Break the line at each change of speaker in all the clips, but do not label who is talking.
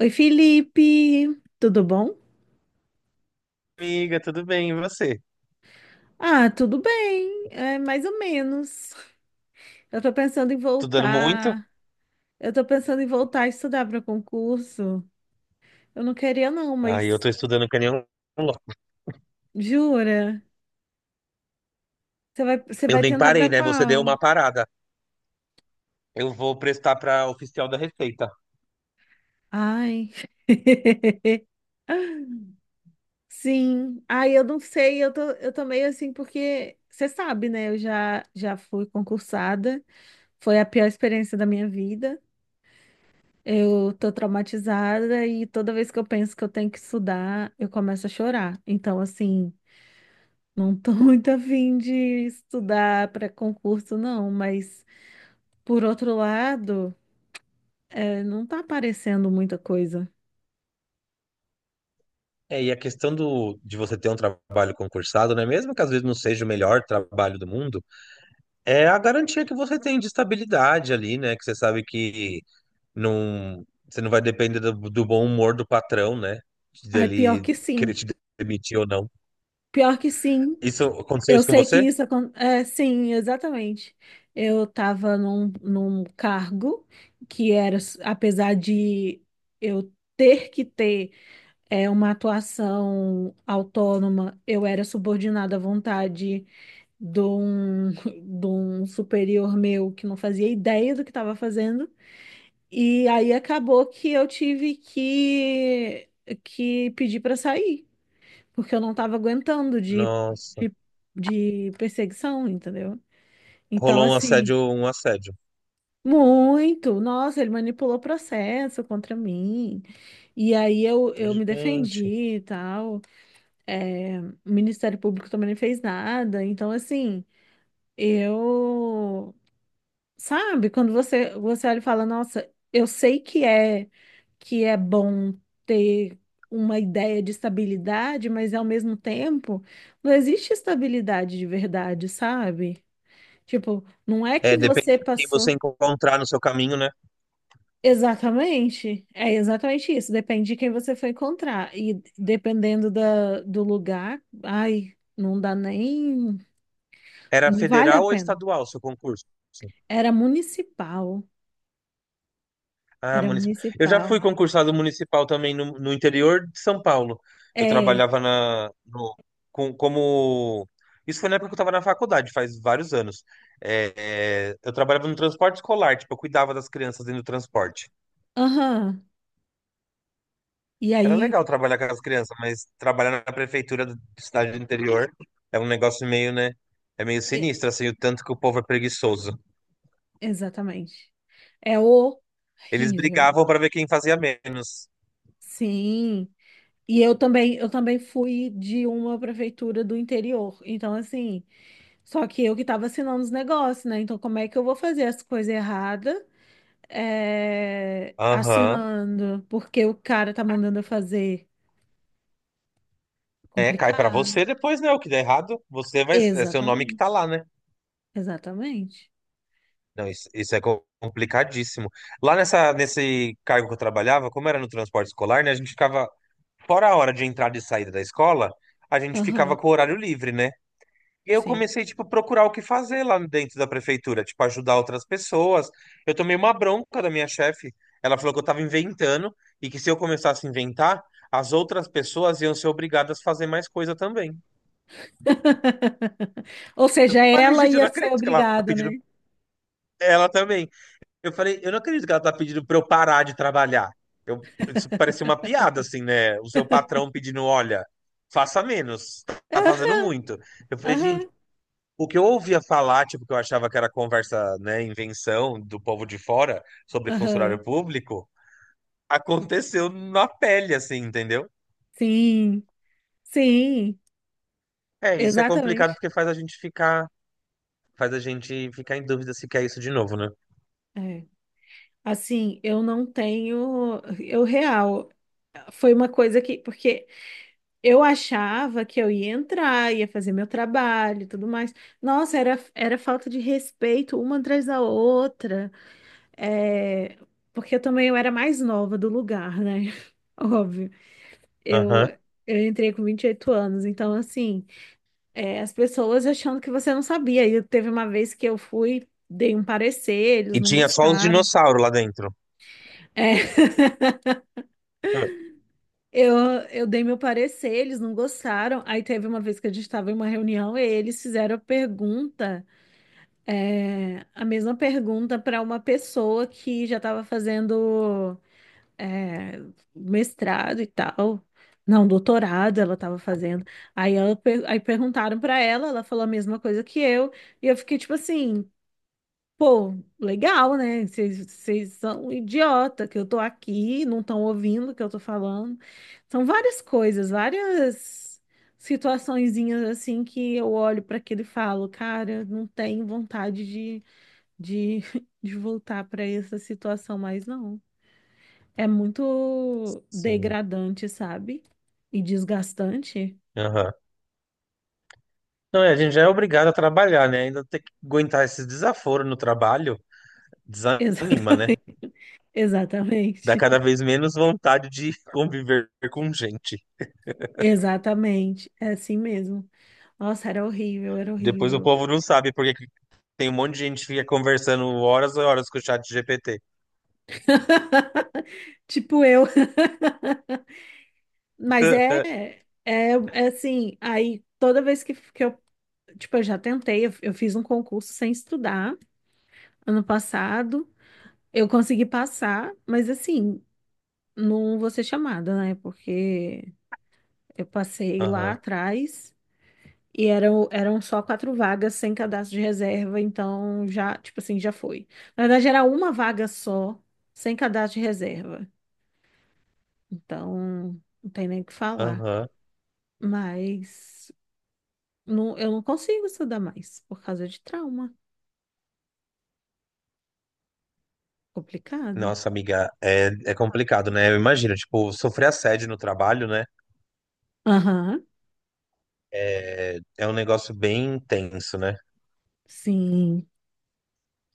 Oi, Felipe, tudo bom?
Amiga, tudo bem? E você?
Ah, tudo bem, é mais ou menos. Eu tô pensando em
Estudando muito?
voltar. Eu tô pensando em voltar a estudar para concurso. Eu não queria não,
Aí eu
mas
tô estudando que nem um louco.
jura? Você vai, você
Eu
vai
nem
tentar para
parei, né? Você deu
qual?
uma parada. Eu vou prestar para oficial da Receita.
Ai. Sim. Ai, eu não sei, eu tô meio assim porque você sabe, né? Eu já fui concursada. Foi a pior experiência da minha vida. Eu tô traumatizada e toda vez que eu penso que eu tenho que estudar, eu começo a chorar. Então, assim, não tô muito afim de estudar para concurso, não. Mas, por outro lado, não tá aparecendo muita coisa.
É, e a questão do, de você ter um trabalho concursado, né? Mesmo que às vezes não seja o melhor trabalho do mundo, é a garantia que você tem de estabilidade ali, né? Que você sabe que não, você não vai depender do, do bom humor do patrão, né?
Ai, pior
Dele
que
querer
sim.
te demitir ou não.
Pior que sim.
Isso aconteceu
Eu
isso com
sei que
você?
isso acontece. Sim, exatamente. Eu tava num cargo que era, apesar de eu ter que ter. É uma atuação autônoma, eu era subordinada à vontade de um, de um superior meu que não fazia ideia do que estava fazendo. E aí acabou que eu tive que pedir para sair, porque eu não estava aguentando
Nossa,
de, de perseguição, entendeu? Então,
rolou um
assim,
assédio, um assédio.
muito, nossa, ele manipulou o processo contra mim. E aí eu me
Gente,
defendi e tal. É, o Ministério Público também não fez nada. Então, assim, eu. Sabe, quando você olha e fala, nossa, eu sei que que é bom ter uma ideia de estabilidade, mas ao mesmo tempo, não existe estabilidade de verdade, sabe? Tipo, não é que
é,
você
dependendo de quem você
passou.
encontrar no seu caminho, né?
Exatamente, é exatamente isso. Depende de quem você for encontrar. E dependendo do lugar, ai, não dá nem.
Era
Não vale a
federal ou
pena.
estadual o seu concurso?
Era municipal.
Ah,
Era
municipal. Eu já
municipal.
fui concursado municipal também no, no interior de São Paulo. Eu
É.
trabalhava na, no- com- como. Isso foi na época que eu estava na faculdade, faz vários anos. É, é, eu trabalhava no transporte escolar, tipo, eu cuidava das crianças dentro do transporte.
Aham. E
Era
aí,
legal trabalhar com as crianças, mas trabalhar na prefeitura do- de cidade do interior é um negócio meio, né? É meio
e-
sinistro, assim, o tanto que o povo é preguiçoso.
exatamente. É
Eles
horrível.
brigavam pra ver quem fazia menos.
Sim. E eu também fui de uma prefeitura do interior. Então, assim, só que eu que estava assinando os negócios, né? Então, como é que eu vou fazer as coisas erradas? É,
Aham.
assinando, porque o cara tá mandando eu fazer.
É, cai pra
Complicado.
você depois, né? O que der errado, você vai. É seu nome que
Exatamente.
tá lá, né?
Exatamente.
Não, isso é co- complicadíssimo. Lá nessa, nesse cargo que eu trabalhava, como era no transporte escolar, né? A gente ficava, fora a hora de entrada e saída da escola, a gente ficava
Aham.
com o horário livre, né? Eu
Sim.
comecei, tipo, procurar o que fazer lá dentro da prefeitura, tipo, ajudar outras pessoas. Eu tomei uma bronca da minha chefe. Ela falou que eu tava inventando e que se eu começasse a inventar, as outras pessoas iam ser obrigadas a fazer mais coisa também.
Ou
Eu
seja,
falei,
ela
gente, eu
ia
não
ser
acredito que ela tá
obrigada,
pedindo
né?
ela também. Eu falei, eu não acredito que ela tá pedindo pra eu parar de trabalhar. Eu, isso parecia uma piada, assim, né? O seu patrão pedindo, olha, faça menos, tá fazendo muito. Eu falei, gente.
Aham,
O que eu ouvia falar, tipo, que eu achava que era conversa, né, invenção do povo de fora sobre
aham.
funcionário público, aconteceu na pele, assim, entendeu?
Sim, sim,
É, isso é complicado
exatamente.
porque faz a gente ficar em dúvida se quer isso de novo, né?
É. Assim, eu não tenho. Eu real. Foi uma coisa que. Porque eu achava que eu ia entrar, ia fazer meu trabalho e tudo mais. Nossa, era falta de respeito uma atrás da outra. É, porque eu era mais nova do lugar, né? Óbvio. Eu,
Aham.
eu entrei com 28 anos, então assim, é, as pessoas achando que você não sabia. E teve uma vez que eu fui, dei um parecer,
E
eles não
tinha só os
gostaram.
dinossauros lá dentro.
É, eu, eu dei meu parecer, eles não gostaram. Aí teve uma vez que a gente estava em uma reunião e eles fizeram a pergunta, é, a mesma pergunta para uma pessoa que já estava fazendo. É, mestrado e tal. Não, doutorado ela estava fazendo. Aí, aí perguntaram para ela, ela falou a mesma coisa que eu. E eu fiquei tipo assim, pô, legal, né? Vocês são idiota que eu tô aqui, não estão ouvindo o que eu tô falando. São várias coisas, várias situaçõezinhas assim que eu olho para aquilo e falo, cara, não tenho vontade de, de voltar para essa situação mais não. É muito
Sim.
degradante, sabe? E desgastante.
Aham. Não, é, a gente já é obrigado a trabalhar, né? Ainda ter que aguentar esses desaforos no trabalho, desanima, né?
Exatamente.
Dá cada
Exatamente.
vez menos vontade de conviver com gente.
Exatamente. É assim mesmo. Nossa, era horrível, era
Depois o
horrível.
povo não sabe por que Tem um monte de gente que fica conversando horas e horas com o chat GPT.
Tipo eu. Mas é, é assim, aí toda vez que eu, tipo, eu já tentei, eu fiz um concurso sem estudar ano passado. Eu consegui passar, mas assim, não vou ser chamada, né? Porque eu passei lá
Aham,
atrás. E eram só quatro vagas sem cadastro de reserva, então já, tipo assim, já foi. Na verdade, era uma vaga só, sem cadastro de reserva. Então, não tem nem o que falar.
aham.
Mas não, eu não consigo estudar mais por causa de trauma. Complicado.
Nossa, amiga, é, é complicado, né? Eu imagino, tipo, sofrer assédio no trabalho, né?
Aham,
É, é um negócio bem intenso, né?
sim,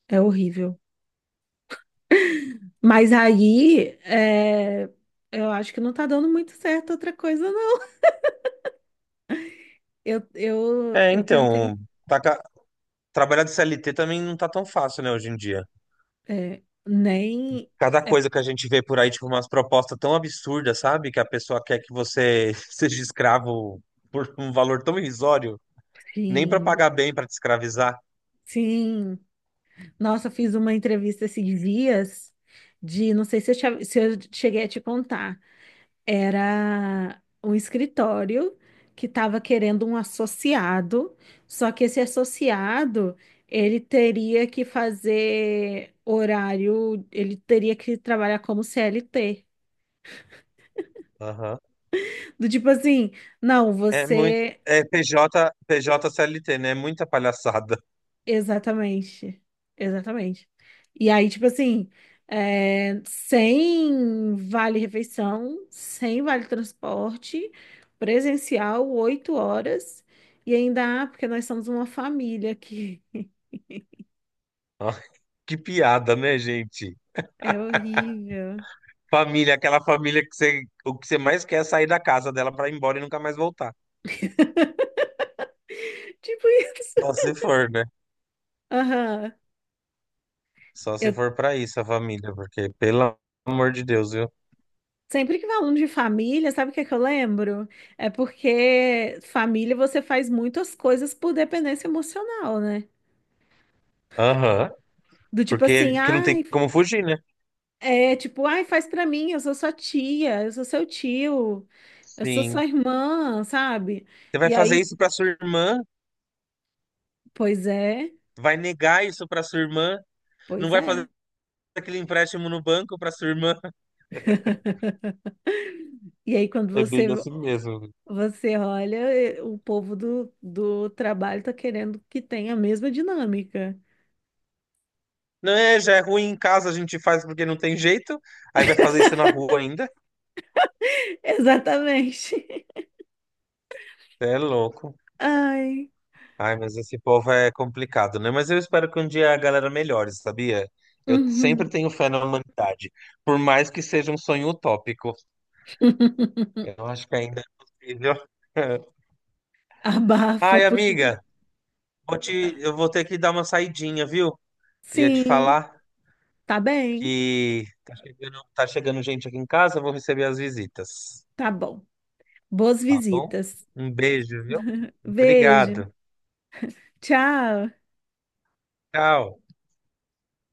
é horrível. Mas aí, é, eu acho que não tá dando muito certo outra coisa, não.
É,
Eu
então,
tentei,
tá ca- trabalhar de CLT também não tá tão fácil, né, hoje em dia.
é, nem,
Cada coisa que a gente vê por aí, tipo, umas propostas tão absurdas, sabe? Que a pessoa quer que você seja escravo por um valor tão irrisório, nem pra
sim.
pagar bem, pra te escravizar.
Sim, nossa, eu fiz uma entrevista esses dias de, não sei se se eu cheguei a te contar, era um escritório que estava querendo um associado, só que esse associado, ele teria que fazer horário, ele teria que trabalhar como CLT.
Aham.
Do tipo assim, não,
É muito.
você.
É PJ, PJ CLT, né? É muita palhaçada.
Exatamente. Exatamente. E aí, tipo assim, é, sem vale-refeição, sem vale-transporte, presencial, oito horas. E ainda, ah, porque nós somos uma família aqui.
Ó, que piada, né, gente?
É horrível.
Família, aquela família que você, o que você mais quer é sair da casa dela pra ir embora e nunca mais voltar.
Tipo isso.
Só se for, né?
Aham.
Só se
Eu
for pra isso a família, porque pelo amor de Deus, viu?
sempre que falo de família, sabe o que é que eu lembro? É porque família você faz muitas coisas por dependência emocional, né?
Aham.
Do tipo assim,
Porque que não tem
ai,
como fugir, né?
é tipo, ai, faz pra mim, eu sou sua tia, eu sou seu tio, eu sou
Sim.
sua irmã, sabe?
Você vai
E
fazer
aí,
isso pra sua irmã?
pois é,
Vai negar isso pra sua irmã? Não
pois
vai fazer
é.
aquele empréstimo no banco pra sua irmã?
E aí, quando
É bem assim mesmo.
você olha, eh, o povo do trabalho tá querendo que tenha a mesma dinâmica.
Não é, já é ruim em casa, a gente faz porque não tem jeito. Aí vai fazer isso na rua ainda.
Exatamente.
É louco.
Ai.
Ai, mas esse povo é complicado, né? Mas eu espero que um dia a galera melhore, sabia? Eu
Uhum.
sempre tenho fé na humanidade, por mais que seja um sonho utópico. Eu acho que ainda é possível.
Abafa,
Ai,
porque.
amiga, vou te- eu vou ter que dar uma saidinha, viu? Ia te
Sim,
falar
tá bem,
que tá chegando gente aqui em casa, eu vou receber as visitas,
tá bom. Boas
tá bom?
visitas.
Um beijo, viu?
Beijo.
Obrigado.
Tchau.
Tchau.